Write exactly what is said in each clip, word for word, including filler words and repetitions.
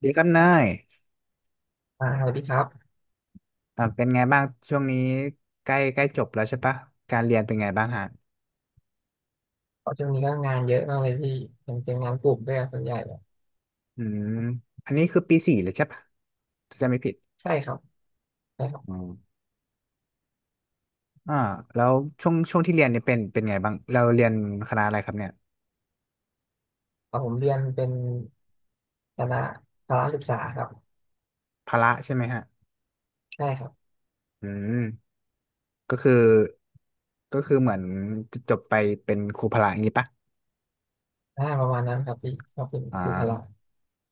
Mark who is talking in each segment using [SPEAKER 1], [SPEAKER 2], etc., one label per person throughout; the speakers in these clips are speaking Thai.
[SPEAKER 1] เดี๋ยวกันนาย
[SPEAKER 2] อ่าสวัสดีครับ
[SPEAKER 1] อ่าเป็นไงบ้างช่วงนี้ใกล้ใกล้จบแล้วใช่ปะการเรียนเป็นไงบ้างฮะ
[SPEAKER 2] เพราะช่วงนี้ก็งานเยอะมากเลยพี่เป็นเป็นงานกลุ่มด้วยส่วนใหญ่เลย
[SPEAKER 1] อืมอันนี้คือปีสี่เลยใช่ปะถ้าจะไม่ผิด
[SPEAKER 2] ใช่ครับใช่ครั
[SPEAKER 1] อื
[SPEAKER 2] บ
[SPEAKER 1] มอ่าแล้วช่วงช่วงที่เรียนเนี่ยเป็นเป็นไงบ้างเราเรียนคณะอะไรครับเนี่ย
[SPEAKER 2] เอาผมเรียนเป็นคณะพละศึกษาครับ
[SPEAKER 1] พละใช่ไหมฮะ
[SPEAKER 2] ใช่ครับ
[SPEAKER 1] อืมก็คือก็คือเหมือนจบไปเป็นครูพละอย่างนี้ปะ
[SPEAKER 2] อ่าประมาณนั้นครับพี่ก็เป็น
[SPEAKER 1] อ่า
[SPEAKER 2] ครูพละ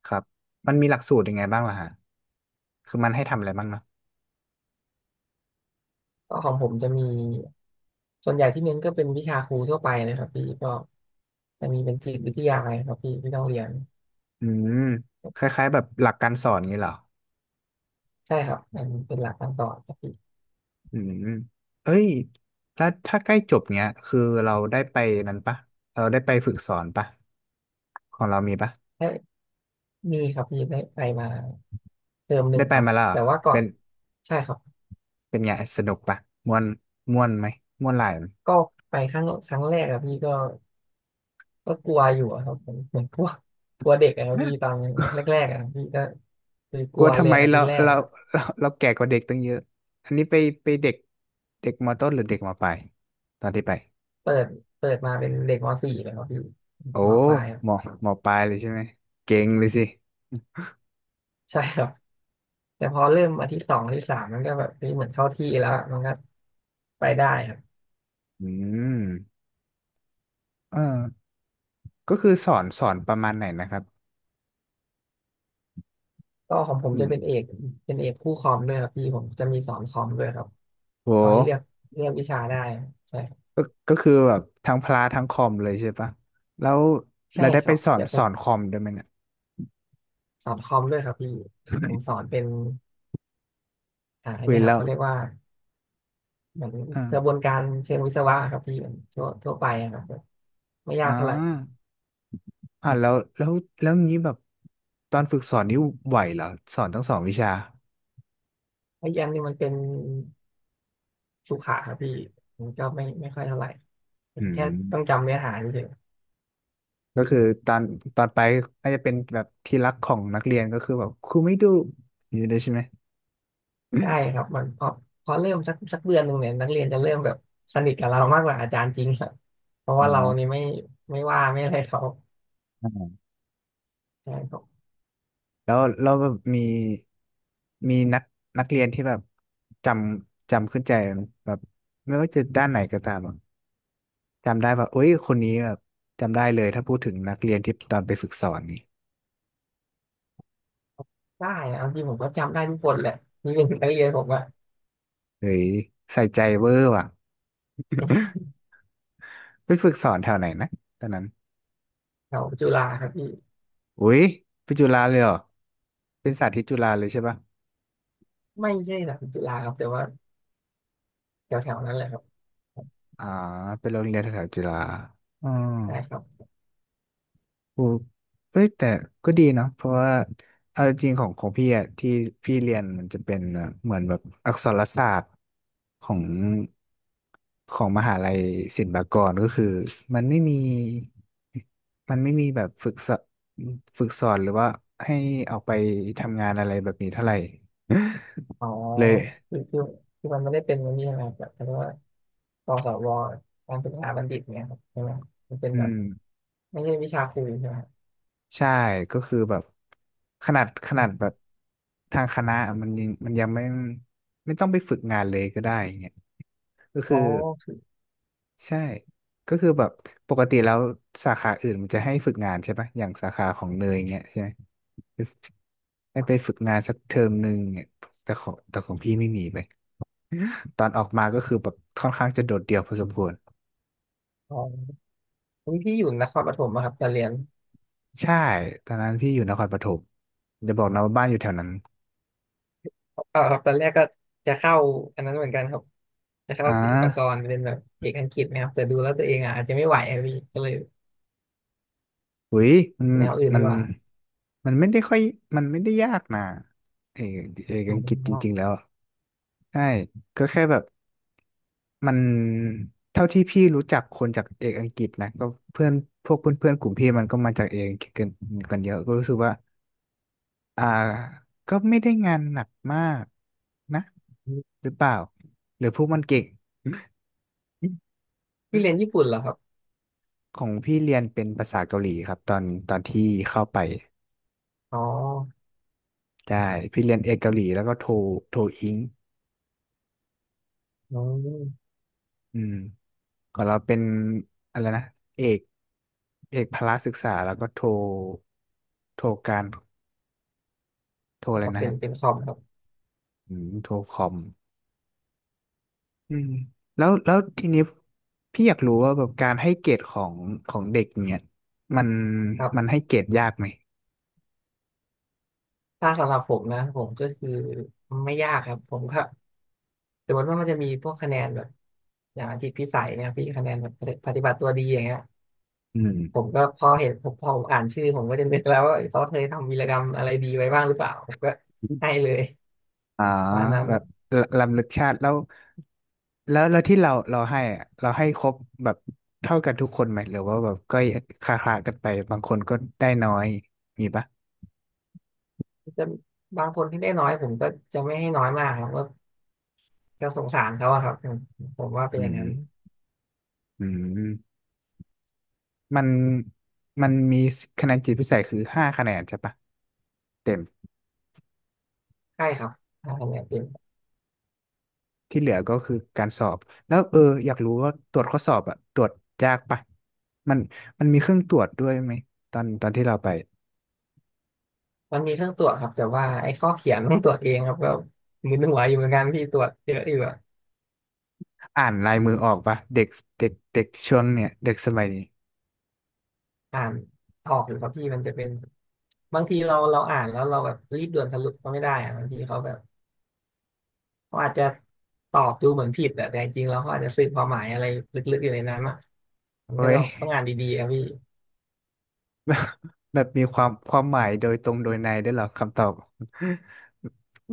[SPEAKER 1] ครับมันมีหลักสูตรยังไงบ้างล่ะฮะคือมันให้ทำอะไรบ้างเนาะ
[SPEAKER 2] ก็ของผมจะมีส่วนใหญ่ที่เน้นก็เป็นวิชาครูทั่วไปเลยครับพี่ก็จะมีเป็นจิตวิทยาอะไรครับพี่ที่ต้องเรียน
[SPEAKER 1] อืมคล้ายๆแบบหลักการสอนอย่างนี้เหรอ
[SPEAKER 2] ใช่ครับเป็นเป็นหลักการสอนครับพี่
[SPEAKER 1] อืมเอ้ยแล้วถ้าใกล้จบเนี้ยคือเราได้ไปนั้นปะเราได้ไปฝึกสอนปะของเรามีปะ
[SPEAKER 2] ได้มีครับพี่ได้ไปมาเทอมหนึ่
[SPEAKER 1] ได้
[SPEAKER 2] ง
[SPEAKER 1] ไป
[SPEAKER 2] ครับ
[SPEAKER 1] มาแล้วเหรอ
[SPEAKER 2] แต่ว่าก่อ
[SPEAKER 1] เป็
[SPEAKER 2] น
[SPEAKER 1] น
[SPEAKER 2] ใช่ครับ
[SPEAKER 1] เป็นไงสนุกปะม่วนม่วนไหมม่วนหลาย
[SPEAKER 2] ก็ไปครั้งครั้งแรกอะพี่ก็ก็กลัวอยู่อะครับผมเหมือน พวกกลัวเด็กอะครับ
[SPEAKER 1] ไห
[SPEAKER 2] พี่
[SPEAKER 1] ม
[SPEAKER 2] ตอนแรกๆอะครับพี่ก็คือก
[SPEAKER 1] กลั
[SPEAKER 2] ลั
[SPEAKER 1] ว
[SPEAKER 2] วเล
[SPEAKER 1] ทำ
[SPEAKER 2] ย
[SPEAKER 1] ไม
[SPEAKER 2] อาทิ
[SPEAKER 1] เรา
[SPEAKER 2] ตย์แรก
[SPEAKER 1] เรา
[SPEAKER 2] อะ
[SPEAKER 1] เราเราแก่กว่าเด็กตั้งเยอะอันนี้ไปไปเด็กเด็กมต้นหรือเด็กมปลายตอนที่ไป
[SPEAKER 2] เปิดเปิดมาเป็นเด็กม .สี่ เลยครับพี่
[SPEAKER 1] โอ้
[SPEAKER 2] มปลายครับ
[SPEAKER 1] มมปลายเลยใช่ไหมเก่งเลยสิ
[SPEAKER 2] ใช่ครับแต่พอเริ่มอาทิตย์สองอาทิตย์สามมันก็แบบเฮ้ยเหมือนเข้าที่แล้วอะมันก็ไปได้ครับ
[SPEAKER 1] อืมเออก็คือสอนสอนประมาณไหนนะครับ
[SPEAKER 2] ก็ของผม
[SPEAKER 1] อื
[SPEAKER 2] จะเป็น
[SPEAKER 1] ม
[SPEAKER 2] เอกเป็นเอกคู่คอมด้วยครับพี่ผมจะมีสอนคอมด้วยครับ
[SPEAKER 1] โห
[SPEAKER 2] เขาให้เลือกเลือกวิชาได้ใช่ครับ
[SPEAKER 1] ก็ก็คือแบบทั้งพละทั้งคอมเลยใช่ปะแล้ว
[SPEAKER 2] ใช่
[SPEAKER 1] แล้วได้
[SPEAKER 2] ค
[SPEAKER 1] ไป
[SPEAKER 2] รับ
[SPEAKER 1] สอน
[SPEAKER 2] แต่ผ
[SPEAKER 1] สอ
[SPEAKER 2] ม
[SPEAKER 1] นคอมด้วยไหมเนี่ย
[SPEAKER 2] สอนคอมด้วยครับพี่ผมสอนเป็น อ่าอัน
[SPEAKER 1] คุย
[SPEAKER 2] เนี้ยครั
[SPEAKER 1] แล้
[SPEAKER 2] บ
[SPEAKER 1] ว
[SPEAKER 2] เขาเรียกว่าเหมือนกระบวน
[SPEAKER 1] อ่า
[SPEAKER 2] การเชิงวิศวะครับที่มันทั่วทั่วไปอะครับแบบไม่
[SPEAKER 1] อ่
[SPEAKER 2] ยากเท่าไหร่
[SPEAKER 1] าอ่าแล้วแล้วแล้วงี้แบบตอนฝึกสอนนี่ไหวเหรอสอนทั้งสองวิชา
[SPEAKER 2] ไอ้ยันนี่มันเป็นสุขะครับพี่มันก็ไม่ไม่ค่อยเท่าไหร่เป็
[SPEAKER 1] อื
[SPEAKER 2] นแค่
[SPEAKER 1] ม
[SPEAKER 2] ต้องจำเนื้อหาเฉย
[SPEAKER 1] ก็คือตอนตอนไปน่าจะเป็นแบบที่รักของนักเรียนก็คือแบบครูไม่ดูอยู่ด้วยใช่ไหม
[SPEAKER 2] ๆใช่ครับมันพอพอเริ่มสักสักเดือนหนึ่งเนี่ยนักเรียนจะเริ่มแบบสนิทกับเรามากกว่าอาจารย์จริงครับเพราะ
[SPEAKER 1] อ่
[SPEAKER 2] ว่าเรา
[SPEAKER 1] า
[SPEAKER 2] นี่ไม่ไม่ว่าไม่อะไรเขาใช่ครับ
[SPEAKER 1] แล้วแล้วเราแบบมีมีนักนักเรียนที่แบบจำจำขึ้นใจไหมแบบไม่ว่าจะด้านไหนก็ตาม จำได้แบบเอ้ย คนนี้แบบจำได้เลยถ้าพูดถึงนักเรียนที่ตอนไปฝึกสอนนี่
[SPEAKER 2] ได้นะเอาจริงผมก็จำได้ทุกคนแหละนี่เป็นนักเรียนผมอะ
[SPEAKER 1] เฮ้ยใส่ใจเวอร์ว่ะไปฝึกสอนแถวไหนนะตอนนั้น
[SPEAKER 2] แถวจุฬาครับพี่
[SPEAKER 1] อุ้ยไปจุฬาเลยเหรอ เป็นสาธิตจุฬาเลยใช่ปะ
[SPEAKER 2] ไม่ใช่หลักจุฬาครับแต่ว่าแถวๆนั้นแหละครับ
[SPEAKER 1] อ่า เป็นโรงเรียนแถวๆจุฬาอ๋อ
[SPEAKER 2] ใช่ครับ
[SPEAKER 1] โอ้เอ้ยแต่ก็ดีเนาะเพราะว่าเอาจริงๆของของพี่อะที่พี่เรียนมันจะเป็นแบบเหมือนแบบอักษรศาสตร์ของของมหาลัยศิลปากรก็คือมันไม่มีมันไม่มีแบบฝึกสอนฝึกสอนหรือว่าให้ออกไปทำงานอะไรแบบนี้เท่าไหร่
[SPEAKER 2] อ๋อ
[SPEAKER 1] เลย
[SPEAKER 2] คือคือคือมันไม่ได้เป็นมันนี่ใช่ไหมครับแบบเขาเรียกว่าปสวการศึกษาบัณฑิตเนี่ยครับใช่ไหมครับมันเป็น
[SPEAKER 1] อื
[SPEAKER 2] แบบ
[SPEAKER 1] ม
[SPEAKER 2] ไม่ใช่วิชาครูใช่ไหมครับ
[SPEAKER 1] ใช่ก็คือแบบขนาดข
[SPEAKER 2] อ
[SPEAKER 1] นาด
[SPEAKER 2] ม
[SPEAKER 1] แบบทางคณะมันยังมันยังไม่ไม่ต้องไปฝึกงานเลยก็ได้ ก็
[SPEAKER 2] อ๋
[SPEAKER 1] คื
[SPEAKER 2] อ
[SPEAKER 1] อ
[SPEAKER 2] คือ
[SPEAKER 1] ใช่ก็คือแบบปกติแล้วสาขาอื่นมันจะให้ฝึกงานใช่ปะอย่างสาขาของเนยเงี้ยใช่ไหมให้ไปฝึกงานสักเทอมหนึ่งเนี่ยแต่ของแต่ของพี่ไม่มีไปตอนออกมาก็คือแบบค่อนข้างจะโดดเดี่ยวพอสมควร
[SPEAKER 2] อ๋ออุ๊ยพี่อยู่นครปฐมอะครับตอนเรียน
[SPEAKER 1] ใช่ตอนนั้นพี่อยู่นครปฐมจะบอกนะว่าบ้านอยู่แถวนั้น
[SPEAKER 2] เออครับตอนแรกก็จะเข้าอันนั้นเหมือนกันครับจะเข้า
[SPEAKER 1] อ่า
[SPEAKER 2] ศิลปากรเป็นแบบเอกอังกฤษนะครับแต่ดูแล้วตัวเองอ่ะอาจจะไม่ไหวอะพี่ก็เลย
[SPEAKER 1] หุยมัน
[SPEAKER 2] แนวอื่น
[SPEAKER 1] มั
[SPEAKER 2] ดี
[SPEAKER 1] น
[SPEAKER 2] กว่า
[SPEAKER 1] มันไม่ได้ค่อยมันไม่ได้ยากนะเออเอก
[SPEAKER 2] อ๋
[SPEAKER 1] อังกฤษจริงๆแล้
[SPEAKER 2] อ
[SPEAKER 1] วอะใช่ก็แค่แบบ มันเท่าที่พี่รู้จักคนจากเอกอังกฤษนะก็เพื่อนพวกเพื่อนเพื่อนกลุ่มพี่มันก็มาจากเอกอังกฤษกันกันเยอะก็รู้สึกว่าอ่าก็ไม่ได้งานหนักมากนะหรือเปล่าหรือพวกมันเก่ง
[SPEAKER 2] พี่เรียนญี่ปุ่นเหรอครับ
[SPEAKER 1] ของพี่เรียนเป็นภาษาเกาหลีครับตอนตอนที่เข้าไป
[SPEAKER 2] อ๋อ
[SPEAKER 1] ใช่พี่เรียนเอกเกาหลีแล้วก็โทโทอิง
[SPEAKER 2] อือ
[SPEAKER 1] อืมของเราเป็นอะไรนะเอกเอกพละศึกษาแล้วก็โทโทการโทอะ
[SPEAKER 2] ค
[SPEAKER 1] ไร
[SPEAKER 2] รับ
[SPEAKER 1] นะ
[SPEAKER 2] เป็น
[SPEAKER 1] ฮะ
[SPEAKER 2] เป็นคอมครับ
[SPEAKER 1] อืมโทรคอมอืมแล้วแล้วทีนี้พี่อยากรู้ว่าแบบการให้เกรดของของเด็กเนี่ยมัน
[SPEAKER 2] ครั
[SPEAKER 1] มัน
[SPEAKER 2] บ
[SPEAKER 1] ให้เกรดยากไหม
[SPEAKER 2] ถ้าสำหรับผมนะผมก็คือไม่ยากครับผมก็สมมติว่ามันจะมีพวกคะแนนแบบอย่างจิตพิสัยเนะครับพี่คะแนนแบบปฏิบัติตัวดีอย่างเงี้ย
[SPEAKER 1] อื
[SPEAKER 2] ผม
[SPEAKER 1] ม
[SPEAKER 2] ก็พอเห็นผมพอผมอ่านชื่อผมก็จะนึกแล้วว่าเขาเคยทำวีรกรรมอะไรดีไว้บ้างหรือเปล่าผมก็ให้เลย
[SPEAKER 1] อ๋อ
[SPEAKER 2] ประมาณ
[SPEAKER 1] แบ
[SPEAKER 2] นั้
[SPEAKER 1] บ
[SPEAKER 2] น
[SPEAKER 1] ลำลึกชาติแล้วแล้วแล้วที่เราเราให้อะเราให้ครบแบบเท่ากันทุกคนไหมหรือว่าแบบก็คละคลากันไปบางคนก็ได้น้อยมีปะ
[SPEAKER 2] จะบางคนที่ได้น้อยผมก็จะไม่ให้น้อยมากครับก็ก็สงสารเขาอะครับผมว่าเป็น
[SPEAKER 1] อื
[SPEAKER 2] อย่างนั้น
[SPEAKER 1] มอืมมันมันมีคะแนนจิตพิเศษคือห้าคะแนนใช่ปะเต็ม
[SPEAKER 2] ใช่ครับถ้าคะแนนเต็ม
[SPEAKER 1] ที่เหลือก็คือการสอบแล้วเอออยากรู้ว่าตรวจข้อสอบอะตรวจยากปะมันมันมีเครื่องตรวจด้วยไหมตอนตอนที่เราไป
[SPEAKER 2] มันมีเครื่องตรวจครับแต่ว่าไอ้ข้อเขียนต้องตรวจเองครับก็มึนหัวอยู่เหมือนกันพี่ตรวจเยอะอยู่
[SPEAKER 1] อ่านลายมือออกปะเด็กเด็กเด็กช่วงเนี่ยเด็กสมัยนี้
[SPEAKER 2] อ่านออกอยู่ครับพี่มันจะเป็นบางทีเราเราอ่านแล้วเราแบบรีบด่วนสรุปก็ไม่ได้อะบางทีเขาแบบเขาอาจจะตอบดูเหมือนผิดแต่แต่จริงๆแล้วเขาอาจจะสื่อความหมายอะไรลึกๆอยู่ในนั้นอ่ะมัน
[SPEAKER 1] เฮ้
[SPEAKER 2] ก็ต้
[SPEAKER 1] ย
[SPEAKER 2] องต้องอ่านดีๆครับพี่
[SPEAKER 1] แบบมีความความหมายโดยตรงโดยในได้วยเหรอคำตอบ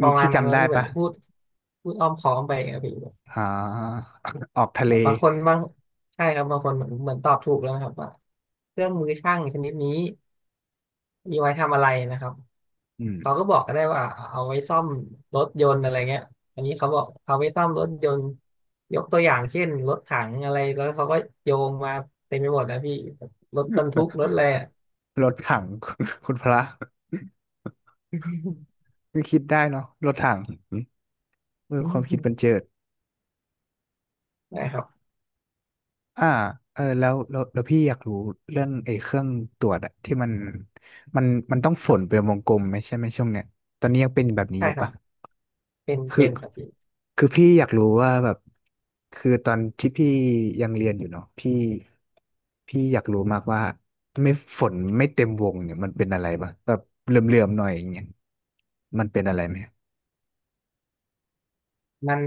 [SPEAKER 2] ป
[SPEAKER 1] มี
[SPEAKER 2] ระมาณ
[SPEAKER 1] ที่
[SPEAKER 2] นั้น
[SPEAKER 1] จำ
[SPEAKER 2] แล้ว
[SPEAKER 1] ได้
[SPEAKER 2] พี่เหมือน
[SPEAKER 1] ปะ
[SPEAKER 2] พูดพูดอ้อมค้อมไปครับพี่
[SPEAKER 1] อ่า ออกทะ
[SPEAKER 2] แบ
[SPEAKER 1] เล
[SPEAKER 2] บบางคนบางใช่ครับบางคนเหมือนเหมือนตอบถูกแล้วนะครับว่าเครื่องมือช่างชนิดนี้มีไว้ทำอะไรนะครับ
[SPEAKER 1] อืม
[SPEAKER 2] เขาก็บอกก็ได้ว่าเอาไว้ซ่อมรถยนต์อะไรเงี้ยอันนี้เขาบอกเอาไว้ซ่อมรถยนต์ยกตัวอย่างเช่นรถถังอะไรแล้วเขาก็โยงมาเต็มไปหมดนะพี่รถบรรทุกรถอะไรอ่ะ
[SPEAKER 1] รถถัง คุณพระคิดได้เนาะรถถังเออ
[SPEAKER 2] อื
[SPEAKER 1] ความคิดบัน
[SPEAKER 2] ม
[SPEAKER 1] เจิด
[SPEAKER 2] นะครับ
[SPEAKER 1] อ่าเออแล้วแล้วแล้วพี่อยากรู้เรื่องไอ้เครื่องตรวจอะที่มันมันมันต้องฝ
[SPEAKER 2] ครั
[SPEAKER 1] นเป็
[SPEAKER 2] บ
[SPEAKER 1] นวงกลมไหมใช่ไหมช่วงเนี้ยตอนนี้ยังเป็นแบบนี้
[SPEAKER 2] ใช่
[SPEAKER 1] อยู่
[SPEAKER 2] ครับ
[SPEAKER 1] ปะ
[SPEAKER 2] เป็น
[SPEAKER 1] คือ
[SPEAKER 2] เป็นครับพี่
[SPEAKER 1] คือพี่อยากรู้ว่าแบบคือตอนที่พี่ยังเรียนอยู่เนาะพี่พี่อยากรู้มากว่าไม่ฝนไม่เต็มวงเนี่ยมันเป็นอะไรปะแบบเหลื่อมๆหน่อยอย่างเงี้ยมันเป็นอะไรไหม
[SPEAKER 2] มัน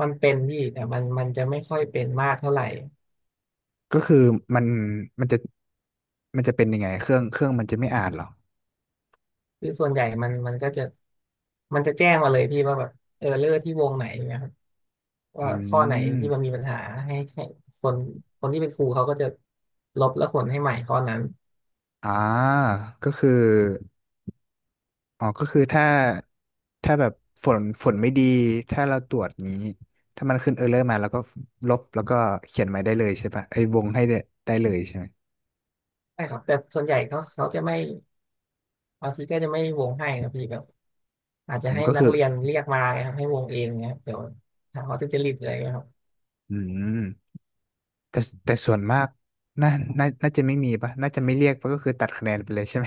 [SPEAKER 2] มันเป็นพี่แต่มันมันจะไม่ค่อยเป็นมากเท่าไหร่
[SPEAKER 1] ก็คือมันมันจะมันจะเป็นยังไงเครื่องเครื่องมันจะไม่อ่านเหรอ
[SPEAKER 2] คือส่วนใหญ่มันมันก็จะมันจะแจ้งมาเลยพี่ว่าแบบเออเลอร์ที่วงไหนนะครับ
[SPEAKER 1] อื
[SPEAKER 2] ว่าข้อไหนที่มันมี
[SPEAKER 1] ม
[SPEAKER 2] ปัญหาให้ให้คนคนที่เป็นครูเขาก็จะลบแล้วขนให้ใหม่ข้อนั้น
[SPEAKER 1] อ่าก็คืออ๋อก็คือถ้าถ้าแบบฝนฝนไม่ดีถ้าเราตรวจนี้ถ้ามันขึ้นเออร์เรอร์มาแล้วก็ลบแล้วก็เขียนใหม่ได้เลยใช่ปะไอ้ยวงให้ได้ได้เลยใช่ไหม
[SPEAKER 2] ใช่ครับแต่ส่วนใหญ่เขาเขาจะไม่บางทีก็จะไม่วงให้ครับพี่แบบอาจจะ
[SPEAKER 1] อืม
[SPEAKER 2] ให้
[SPEAKER 1] ก็
[SPEAKER 2] นั
[SPEAKER 1] คื
[SPEAKER 2] ก
[SPEAKER 1] อ
[SPEAKER 2] เรียนเรียกมาไงครับให้วงเองเงี้ยเดี๋ยวหาเขาจะจริตอะไรเงี้ยครับ
[SPEAKER 1] อืมแต่แต่ส่วนมากน่าน่าน่าจะไม่มีปะน่าจะไม่เรียกปะก็คือตัดคะแนนไปเลยใช่ไหม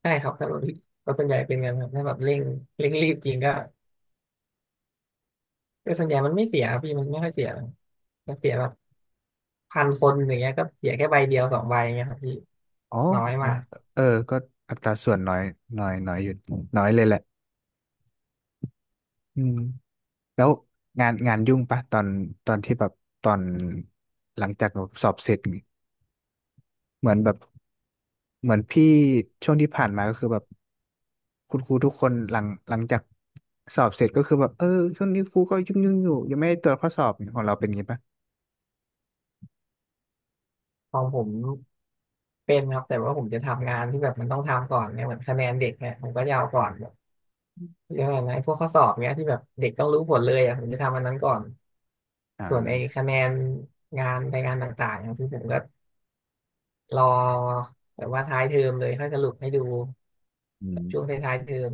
[SPEAKER 2] ใช่ครับถ้าแบบก็ส่วนใหญ่เป็นกันครับถ้าแบบเร่งเร่งรีบจริงก็แต่ส่วนใหญ่มันไม่เสียครับพี่มันไม่ค่อยเสียหรอกจะเสียแบบ พันคนอย่างเงี้ยก็เสียแค่ใบเดียวสองใบเงี้ยครับพี่
[SPEAKER 1] อ๋อ
[SPEAKER 2] น้อยมาก
[SPEAKER 1] เออก็อัตราส่วนน้อยน้อยน้อยอยู่น้อยเลยแหละอืม แล้วงานงานยุ่งปะตอนตอนที่แบบตอนหลังจากแบบสอบเสร็จเหมือนแบบเหมือนพี่ช่วงที่ผ่านมาก็คือแบบคุณครูทุกคนหลังหลังจากสอบเสร็จก็คือแบบเออช่วงนี้ครูก็ยุ่งยุ่งอยู่ยังไม่ได้ตรวจข้อสอบของเราเป็นงี้ปะ
[SPEAKER 2] ของผมเป็นครับแต่ว่าผมจะทำงานที่แบบมันต้องทำก่อนเนี่ยเหมือนคะแนนเด็กเนี่ยผมก็จะเอาก่อนแบบเรื่องอะไรพวกข้อสอบเนี้ยที่แบบเด็กต้องรู้ผลเลยอ่ะผมจะทำอันนั้นก่อน
[SPEAKER 1] อ่า
[SPEAKER 2] ส่วนไอ้คะแนนงานไปงานต่างๆอย่างที่ผมก็รอแบบว่าท้ายเทอมเลยค่อยสรุปให้ดู
[SPEAKER 1] อื
[SPEAKER 2] แบบช่วง
[SPEAKER 1] ม
[SPEAKER 2] ท้ายๆเทอม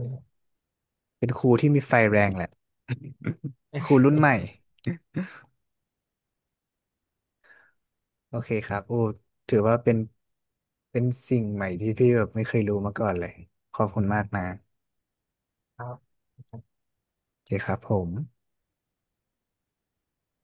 [SPEAKER 1] เป็นครูที่มีไฟแรงแหละ ครูรุ่นใหม่โอเคครับโอ้ถือว่าเป็นเป็นสิ่งใหม่ที่พี่แบบไม่เคยรู้มาก่อนเลยขอบคุณมากนะ
[SPEAKER 2] ครับ
[SPEAKER 1] โอเคครับผม